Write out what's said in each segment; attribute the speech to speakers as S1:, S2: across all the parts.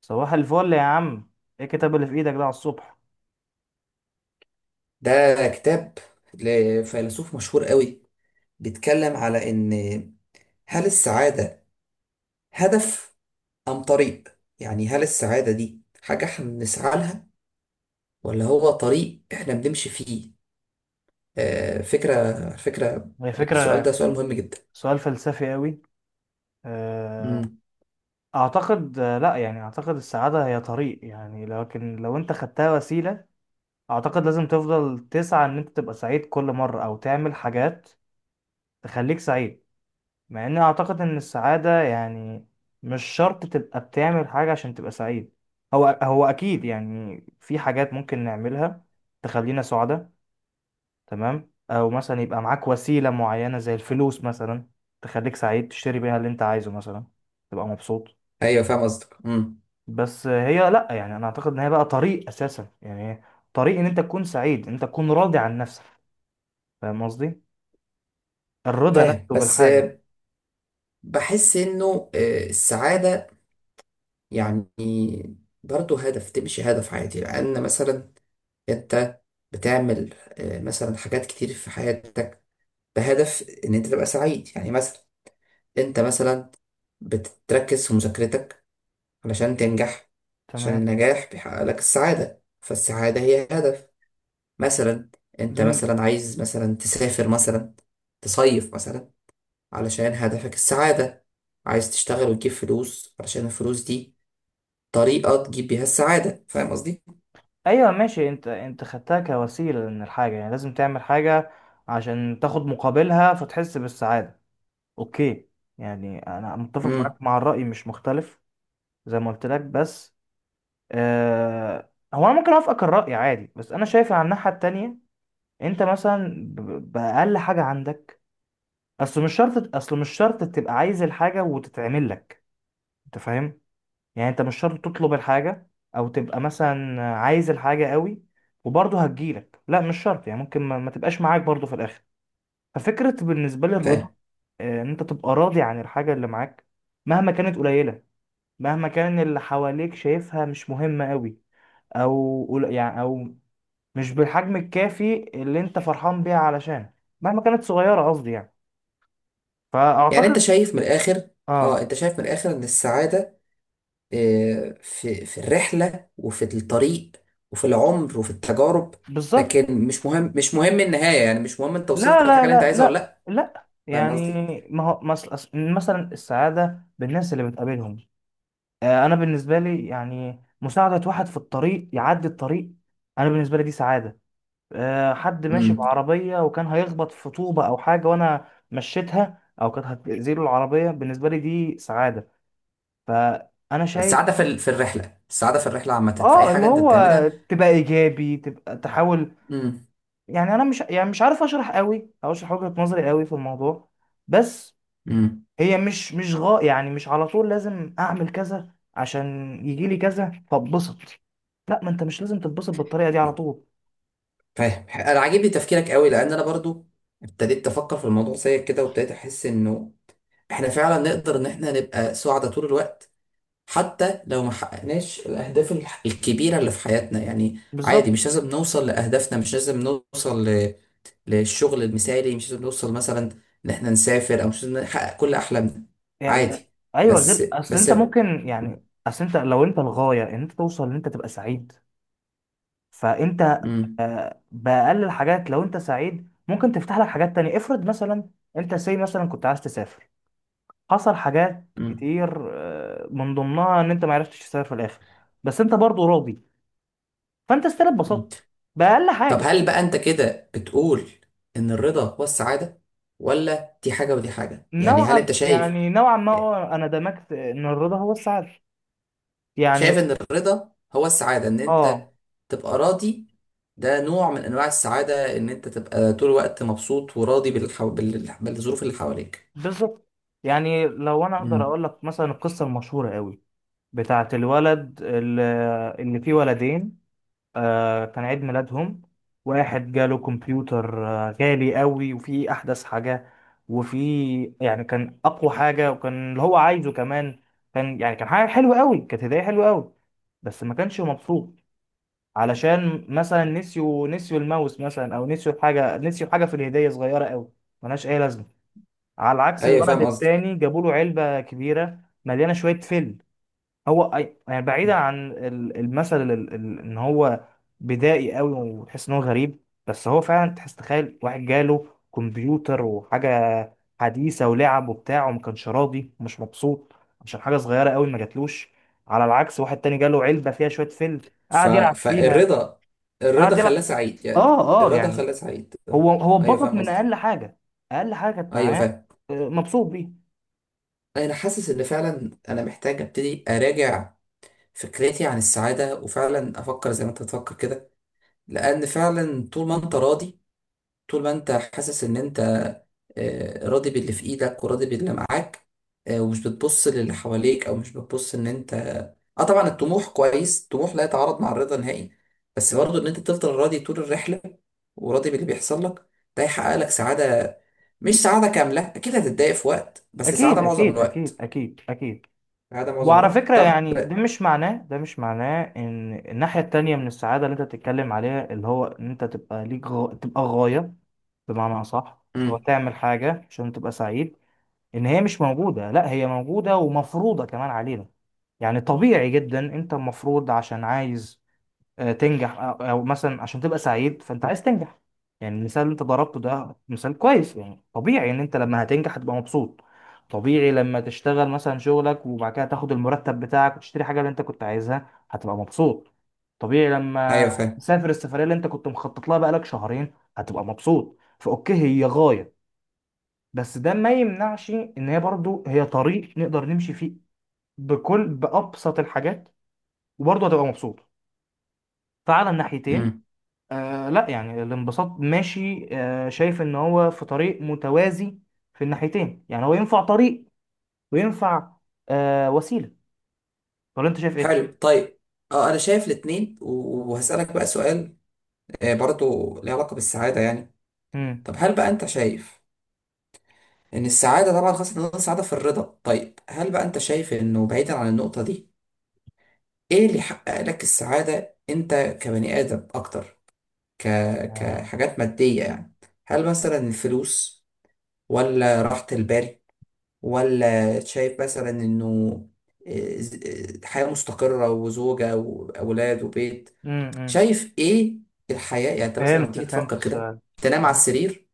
S1: صباح الفل يا عم. ايه الكتاب اللي في ايدك ده على الصبح؟
S2: ده كتاب لفيلسوف مشهور قوي، بيتكلم على ان هل السعادة هدف ام طريق؟ يعني هل السعادة دي حاجة احنا بنسعى لها، ولا هو طريق احنا بنمشي فيه؟ فكرة فكرة.
S1: هي
S2: السؤال ده
S1: فكرة.
S2: سؤال مهم جدا.
S1: سؤال فلسفي قوي. آه،
S2: امم
S1: اعتقد، لا يعني اعتقد السعادة هي طريق، يعني لكن لو انت خدتها وسيلة اعتقد لازم تفضل تسعى ان انت تبقى سعيد كل مرة او تعمل حاجات تخليك سعيد. مع اني اعتقد ان السعادة يعني مش شرط تبقى بتعمل حاجة عشان تبقى سعيد. هو اكيد، يعني في حاجات ممكن نعملها تخلينا سعداء. تمام، او مثلا يبقى معاك وسيلة معينة زي الفلوس مثلا تخليك سعيد، تشتري بيها اللي انت عايزه مثلا تبقى مبسوط.
S2: ايوه، فاهم قصدك.
S1: بس هي، لا يعني، انا اعتقد ان هي بقى طريق اساسا، يعني هي طريق ان انت تكون سعيد، انت تكون راضي عن نفسك. فاهم قصدي؟ الرضا
S2: فاهم،
S1: نفسه
S2: بس
S1: بالحاجة.
S2: بحس انه السعادة يعني برضه هدف، تمشي هدف عادي، لان مثلا انت بتعمل مثلا حاجات كتير في حياتك بهدف ان انت تبقى سعيد. يعني مثلا انت مثلا بتركز في مذاكرتك علشان تنجح، عشان
S1: تمام.
S2: النجاح بيحقق لك السعادة، فالسعادة هي هدف. مثلا انت
S1: مم.
S2: مثلا عايز مثلا تسافر مثلا، تصيف مثلا، علشان هدفك السعادة. عايز تشتغل وتجيب فلوس علشان الفلوس دي طريقة تجيب بيها السعادة. فاهم قصدي؟
S1: ايوه ماشي، انت خدتها كوسيلة من الحاجة، يعني لازم تعمل حاجة عشان تاخد مقابلها فتحس بالسعادة. اوكي، يعني انا متفق
S2: امم
S1: معاك مع الرأي، مش مختلف زي ما قلت لك. بس، هو انا ممكن اوافقك الرأي عادي، بس انا شايف على الناحية التانية انت مثلا بأقل حاجة عندك. اصل مش شرط تبقى عايز الحاجة وتتعمل لك. انت فاهم؟ يعني انت مش شرط تطلب الحاجة او تبقى مثلا عايز الحاجة قوي وبرضه هتجيلك. لا مش شرط، يعني ممكن ما تبقاش معاك برضه في الاخر. ففكرة بالنسبة لي الرضا، ان انت تبقى راضي عن الحاجة اللي معاك مهما كانت قليلة، مهما كان اللي حواليك شايفها مش مهمة قوي، او يعني او مش بالحجم الكافي اللي انت فرحان بيها، علشان مهما كانت صغيرة قصدي يعني.
S2: يعني انت
S1: فأعتقد.
S2: شايف من الاخر، اه،
S1: اه.
S2: انت شايف من الاخر ان السعادة في الرحلة، وفي الطريق، وفي العمر، وفي التجارب.
S1: بالظبط.
S2: لكن مش مهم، مش مهم النهاية، يعني مش مهم انت
S1: لا،
S2: وصلت للحاجة
S1: لا،
S2: اللي انت
S1: لا،
S2: عايزها ولا
S1: لا،
S2: لا.
S1: لا،
S2: فاهم قصدي؟
S1: يعني ما هو مثلا السعادة بالناس اللي بتقابلهم. انا بالنسبة لي، يعني مساعدة واحد في الطريق يعدي الطريق، انا بالنسبة لي دي سعادة. حد ماشي
S2: امم
S1: بعربية وكان هيخبط في طوبة او حاجة وانا مشيتها، او كانت هتأذيله العربية، بالنسبة لي دي سعادة. ف انا شايف،
S2: السعادة في الرحلة. السعادة في الرحلة عامة، في اي
S1: اه اللي
S2: حاجة انت
S1: هو
S2: بتعملها.
S1: تبقى ايجابي، تبقى تحاول.
S2: امم
S1: يعني انا مش، يعني مش عارف اشرح قوي او اشرح وجهة نظري قوي في الموضوع، بس
S2: امم
S1: هي مش مش يعني مش على طول لازم اعمل كذا عشان يجي لي كذا فاتبسط. لا، ما انت مش لازم تتبسط بالطريقه دي على طول.
S2: فاهم، انا عاجبني تفكيرك قوي، لان انا برضو ابتديت افكر في الموضوع زيك كده، وابتديت احس انه احنا فعلا نقدر ان احنا نبقى سعداء طول الوقت، حتى لو ما حققناش الأهداف الكبيرة اللي في حياتنا. يعني عادي،
S1: بالظبط.
S2: مش لازم نوصل لأهدافنا، مش لازم نوصل للشغل المثالي، مش لازم نوصل مثلا إن إحنا نسافر، أو مش لازم نحقق كل أحلامنا.
S1: يعني
S2: عادي.
S1: ايوه
S2: بس.
S1: غير،
S2: بس.
S1: اصل انت لو انت الغايه ان انت توصل ان انت تبقى سعيد، فانت
S2: مم.
S1: باقل الحاجات، لو انت سعيد ممكن تفتح لك حاجات تانية. افرض مثلا انت مثلا كنت عايز تسافر، حصل حاجات
S2: مم.
S1: كتير من ضمنها ان انت ما عرفتش تسافر في الاخر، بس انت برضو راضي. فانت اتبسطت باقل
S2: طب
S1: حاجة.
S2: هل بقى أنت كده بتقول إن الرضا هو السعادة، ولا دي حاجة ودي حاجة؟ يعني هل أنت شايف،
S1: نوعا ما، هو انا دمجت ان الرضا هو السعادة، يعني.
S2: شايف ان الرضا هو السعادة، ان انت
S1: اه.
S2: تبقى راضي. ده نوع من انواع السعادة، ان انت تبقى طول الوقت مبسوط وراضي بالظروف اللي حواليك.
S1: بالظبط. يعني لو انا اقدر
S2: مم.
S1: اقول لك مثلا القصة المشهورة قوي بتاعت الولد اللي فيه ولدين. كان عيد ميلادهم، واحد جاله كمبيوتر غالي قوي وفيه احدث حاجة، وفيه يعني كان اقوى حاجة، وكان اللي هو عايزه كمان. كان حاجة حلوة قوي، كانت هدية حلوة قوي، بس ما كانش مبسوط، علشان مثلا نسيوا الماوس مثلا، او نسيوا حاجة في الهدية صغيرة قوي، ملهاش اي لازمة. على عكس
S2: ايوه،
S1: الولد
S2: فاهم قصدك.
S1: التاني، جابوا له علبة كبيرة مليانة شوية فل. هو أي- يعني، بعيدا عن المثل، ان هو بدائي قوي وتحس ان هو غريب، بس هو فعلا تحس، تخيل واحد جاله كمبيوتر وحاجه حديثه ولعب وبتاع، وما كانش راضي ومش مبسوط عشان حاجه صغيره قوي ما جاتلوش. على العكس واحد تاني جاله علبه فيها شويه فيلم، قعد يلعب فيها.
S2: فالرضا، الرضا
S1: قعد
S2: خلاه
S1: يلعب.
S2: سعيد. يعني
S1: اه، اه،
S2: الرضا
S1: يعني
S2: خلاه سعيد.
S1: هو
S2: ايوه،
S1: اتبسط
S2: فاهم
S1: من
S2: قصدك.
S1: اقل حاجه، اقل حاجه كانت
S2: ايوه،
S1: معاه،
S2: فاهم.
S1: مبسوط بيه.
S2: انا حاسس ان فعلا انا محتاج ابتدي اراجع فكرتي عن السعادة، وفعلا افكر زي ما انت بتفكر كده، لان فعلا طول ما انت راضي، طول ما انت حاسس ان انت راضي باللي في ايدك وراضي باللي معاك، ومش بتبص للي حواليك، او مش بتبص ان انت. اه، طبعا الطموح كويس، الطموح لا يتعارض مع الرضا نهائي، بس
S1: تمام.
S2: برضه ان انت تفضل راضي طول الرحلة، وراضي باللي بيحصل لك، ده يحقق لك سعادة. مش سعادة كاملة، اكيد هتتضايق في وقت، بس سعادة
S1: اكيد،
S2: معظم
S1: اكيد، اكيد،
S2: الوقت.
S1: اكيد، اكيد.
S2: سعادة معظم
S1: وعلى
S2: الوقت.
S1: فكرة،
S2: طب.
S1: يعني ده مش معناه ان الناحية التانية من السعادة اللي انت بتتكلم عليها، اللي هو ان انت تبقى ليك تبقى غاية، بمعنى اصح، هو
S2: امم
S1: تعمل حاجة عشان تبقى سعيد، ان هي مش موجودة. لا، هي موجودة ومفروضة كمان علينا. يعني طبيعي جدا انت المفروض عشان عايز تنجح، او مثلا عشان تبقى سعيد فانت عايز تنجح. يعني المثال اللي انت ضربته ده مثال كويس، يعني طبيعي ان انت لما هتنجح هتبقى مبسوط. طبيعي لما تشتغل مثلا شغلك وبعد كده تاخد المرتب بتاعك وتشتري حاجة اللي انت كنت عايزها، هتبقى مبسوط. طبيعي لما
S2: ايوه، فاهم.
S1: تسافر السفرية اللي انت كنت مخطط لها بقالك شهرين هتبقى مبسوط. فاوكي هي غاية، بس ده ما يمنعش ان هي برضو هي طريق نقدر نمشي فيه بأبسط الحاجات، وبرضه هتبقى مبسوط. فعلى الناحيتين،
S2: امم
S1: لا يعني الانبساط ماشي، شايف ان هو في طريق متوازي في الناحيتين. يعني هو ينفع طريق وينفع وسيلة. ولا انت شايف ايه؟
S2: حلو، طيب. اه، انا شايف الاتنين، وهسألك بقى سؤال، برضه له علاقة بالسعادة يعني.
S1: امم.
S2: طب هل بقى انت شايف ان السعادة، طبعا خاصة ان السعادة في الرضا، طيب هل بقى انت شايف انه بعيدا عن النقطة دي، ايه اللي يحقق لك السعادة انت كبني ادم اكتر؟ ك...
S1: امم.
S2: كحاجات مادية يعني، هل مثلا الفلوس، ولا راحة البال، ولا شايف مثلا انه إيه، ز- حياة مستقرة وزوجة واولاد وبيت؟
S1: امم.
S2: شايف ايه الحياة؟ يعني انت مثلا لما
S1: فهمت
S2: تيجي
S1: فهمت
S2: تفكر كده،
S1: السؤال.
S2: تنام على
S1: فهمت.
S2: السرير،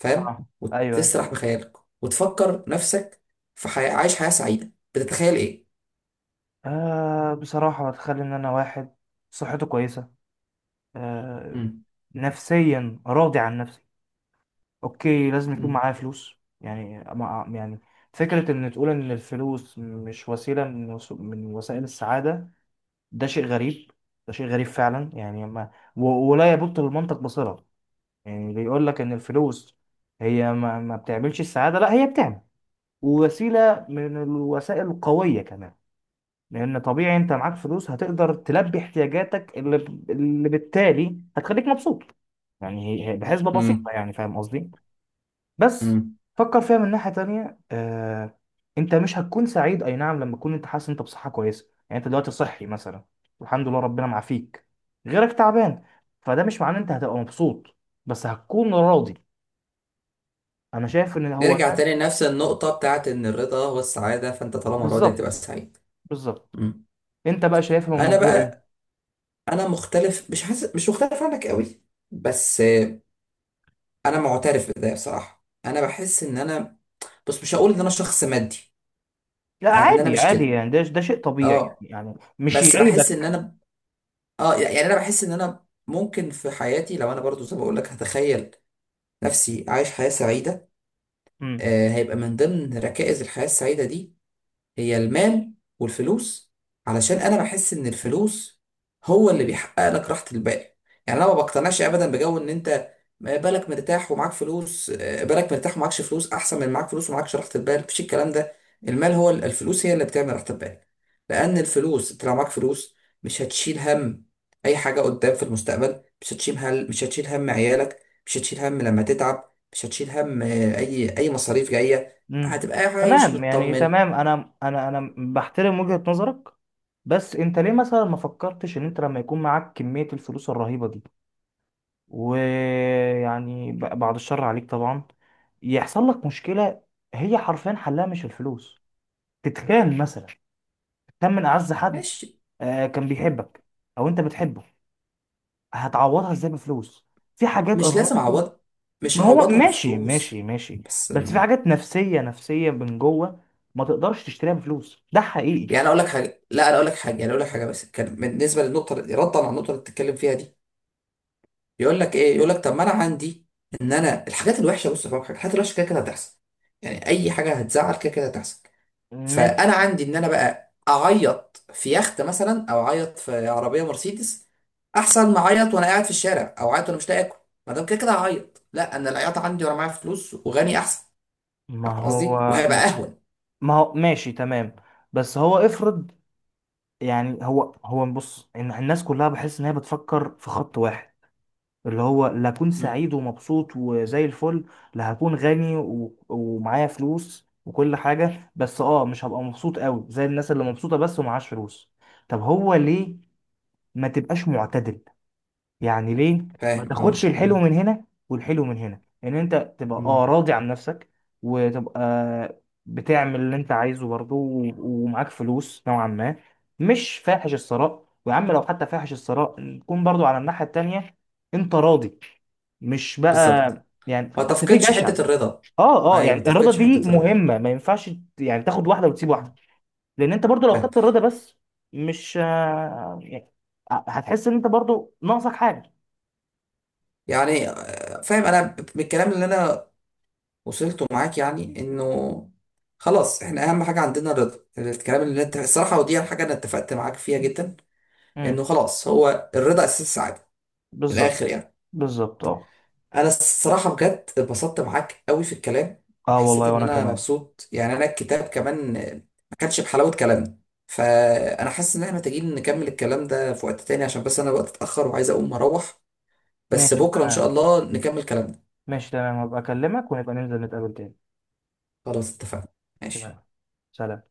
S2: فاهم،
S1: اه. ايوه، ايوه.
S2: وتسرح بخيالك وتفكر نفسك عايش حياة سعيدة، بتتخيل ايه؟
S1: بصراحة بتخلي ان انا واحد صحته كويسة، آه
S2: مم.
S1: نفسيا راضي عن نفسي. اوكي لازم يكون
S2: مم.
S1: معايا فلوس، يعني فكرة ان تقول ان الفلوس مش وسيلة من وسائل السعادة، ده شيء غريب ده شيء غريب فعلا، يعني ما و- ولا يبط للمنطق بصلة. يعني بيقول لك ان الفلوس هي ما بتعملش السعادة. لا، هي بتعمل، ووسيلة من الوسائل القوية كمان، لان طبيعي انت معاك فلوس هتقدر تلبي احتياجاتك اللي بالتالي هتخليك مبسوط. يعني هي بحسبة
S2: مم.
S1: بسيطة، يعني فاهم قصدي؟ بس
S2: مم.
S1: فكر فيها من ناحية تانية، انت مش هتكون سعيد، اي نعم لما تكون انت حاسس انت بصحة كويسة، يعني انت دلوقتي صحي مثلا، والحمد لله ربنا معافيك، غيرك تعبان، فده مش معناه انت هتبقى مبسوط، بس هتكون راضي. انا شايف ان هو
S2: نرجع
S1: ده.
S2: تاني لنفس النقطة بتاعت ان الرضا هو السعادة، فانت طالما راضي هتبقى
S1: بالظبط،
S2: سعيد.
S1: بالظبط.
S2: مم.
S1: انت بقى شايفها من
S2: انا
S1: منظور ايه؟
S2: بقى، انا مختلف، مش حاسس، مش مختلف عنك قوي، بس انا معترف بده بصراحه. انا بحس ان انا، بس مش هقول ان انا شخص مادي،
S1: لا
S2: يعني ان انا
S1: عادي،
S2: مش
S1: عادي،
S2: كده.
S1: يعني ده شيء طبيعي،
S2: اه،
S1: يعني مش
S2: بس بحس ان
S1: يعيبك.
S2: انا، اه يعني انا بحس ان انا ممكن في حياتي، لو انا برضو زي ما بقول لك هتخيل نفسي عايش حياة سعيدة،
S1: مم.
S2: هيبقى من ضمن ركائز الحياة السعيدة دي هي المال والفلوس. علشان انا بحس ان الفلوس هو اللي بيحقق لك راحة البال. يعني انا ما بقتنعش ابدا بجو ان انت بالك مرتاح ومعاك فلوس، بالك مرتاح ومعاكش فلوس احسن من معاك فلوس ومعاكش راحة البال. مفيش الكلام ده. المال، هو الفلوس هي اللي بتعمل راحة البال، لان الفلوس انت لو معاك فلوس مش هتشيل هم اي حاجة قدام في المستقبل، مش هتشيل هم، مش هتشيل هم عيالك، مش هتشيل هم لما تتعب، مش هتشيل هم اي مصاريف جاية،
S1: مم.
S2: هتبقى عايش
S1: تمام يعني
S2: مطمن.
S1: تمام انا انا بحترم وجهة نظرك. بس انت ليه مثلا ما فكرتش ان انت لما يكون معاك كمية الفلوس الرهيبة دي، ويعني بعد الشر عليك طبعا يحصل لك مشكلة، هي حرفيا حلها مش الفلوس. تتخان مثلا. تتخان من اعز حد،
S2: ماشي،
S1: كان بيحبك او انت بتحبه. هتعوضها ازاي بفلوس؟ في حاجات.
S2: مش لازم اعوض، مش
S1: ما هو،
S2: هعوضها
S1: ماشي، ماشي،
S2: بفلوس.
S1: ماشي،
S2: بس
S1: بس في حاجات نفسية، نفسية، من جوه، ما تقدرش تشتريها بفلوس. ده حقيقي.
S2: يعني اقول لك حاجه، لا، انا اقول لك حاجه، يعني اقول لك حاجه بس كان بالنسبه للنقطه، ردا على النقطه اللي بتتكلم فيها دي، يقول لك ايه، يقول لك طب ما انا عندي ان انا الحاجات الوحشه، بص بقى، الحاجات الوحشه كده كده هتحصل، يعني اي حاجه هتزعل كده كده هتحصل،
S1: ماشي.
S2: فانا عندي ان انا بقى اعيط في يخت مثلا، او اعيط في عربيه مرسيدس احسن ما اعيط وانا قاعد في الشارع، او اعيط وانا مش لاقي اكل. ما دام كده كده هعيط، لا، انا العياط عندي وانا معايا فلوس وغني احسن.
S1: ما
S2: فاهم
S1: هو
S2: قصدي؟ وهيبقى
S1: ما,
S2: اهون.
S1: ما هو ماشي تمام. بس هو افرض، يعني هو بص، إن الناس كلها بحس ان هي بتفكر في خط واحد اللي هو، لا اكون سعيد ومبسوط وزي الفل، لا هكون غني ومعايا فلوس وكل حاجة، بس مش هبقى مبسوط قوي زي الناس اللي مبسوطة بس ومعاش فلوس. طب هو ليه ما تبقاش معتدل، يعني ليه ما
S2: فاهم.
S1: تاخدش
S2: اه.
S1: الحلو
S2: مم.
S1: من هنا والحلو من هنا، ان انت تبقى
S2: مم.
S1: راضي عن نفسك وتبقى بتعمل اللي انت عايزه برضه، ومعاك فلوس نوعا ما، مش فاحش الثراء. ويا عم لو حتى فاحش الثراء نكون برضه على الناحية التانية، انت راضي، مش بقى،
S2: بالظبط.
S1: يعني
S2: ما
S1: انت في
S2: تفقدش
S1: جشع.
S2: حتة الرضا.
S1: اه، اه،
S2: ايوه،
S1: يعني
S2: ما
S1: الرضا
S2: تفقدش
S1: دي
S2: حتة الرضا.
S1: مهمة، ما ينفعش يعني تاخد واحدة وتسيب واحدة.
S2: مم.
S1: لان انت برضه لو
S2: فاهم.
S1: خدت الرضا بس، مش، يعني، هتحس ان انت برضه ناقصك حاجة.
S2: يعني فاهم، انا من الكلام اللي انا وصلته معاك يعني انه خلاص احنا اهم حاجة عندنا الرضا. الكلام اللي انت، الصراحة ودي الحاجة انا اتفقت معاك فيها جدا، انه خلاص هو الرضا اساس السعادة، من
S1: بالظبط،
S2: الاخر يعني.
S1: بالظبط. اه.
S2: انا الصراحه بجد اتبسطت معاك قوي في الكلام،
S1: اه
S2: وحسيت
S1: والله،
S2: ان
S1: وانا
S2: انا
S1: كمان.
S2: مبسوط. يعني انا الكتاب كمان ما كانش بحلاوه كلامنا، فانا حاسس ان احنا محتاجين نكمل الكلام ده في وقت تاني، عشان بس انا الوقت اتاخر وعايز اقوم اروح. بس
S1: ماشي
S2: بكره ان شاء
S1: تمام.
S2: الله نكمل كلامنا.
S1: ماشي تمام، هبقى اكلمك ونبقى ننزل نتقابل تاني.
S2: خلاص، اتفقنا. ماشي.
S1: تمام. سلام.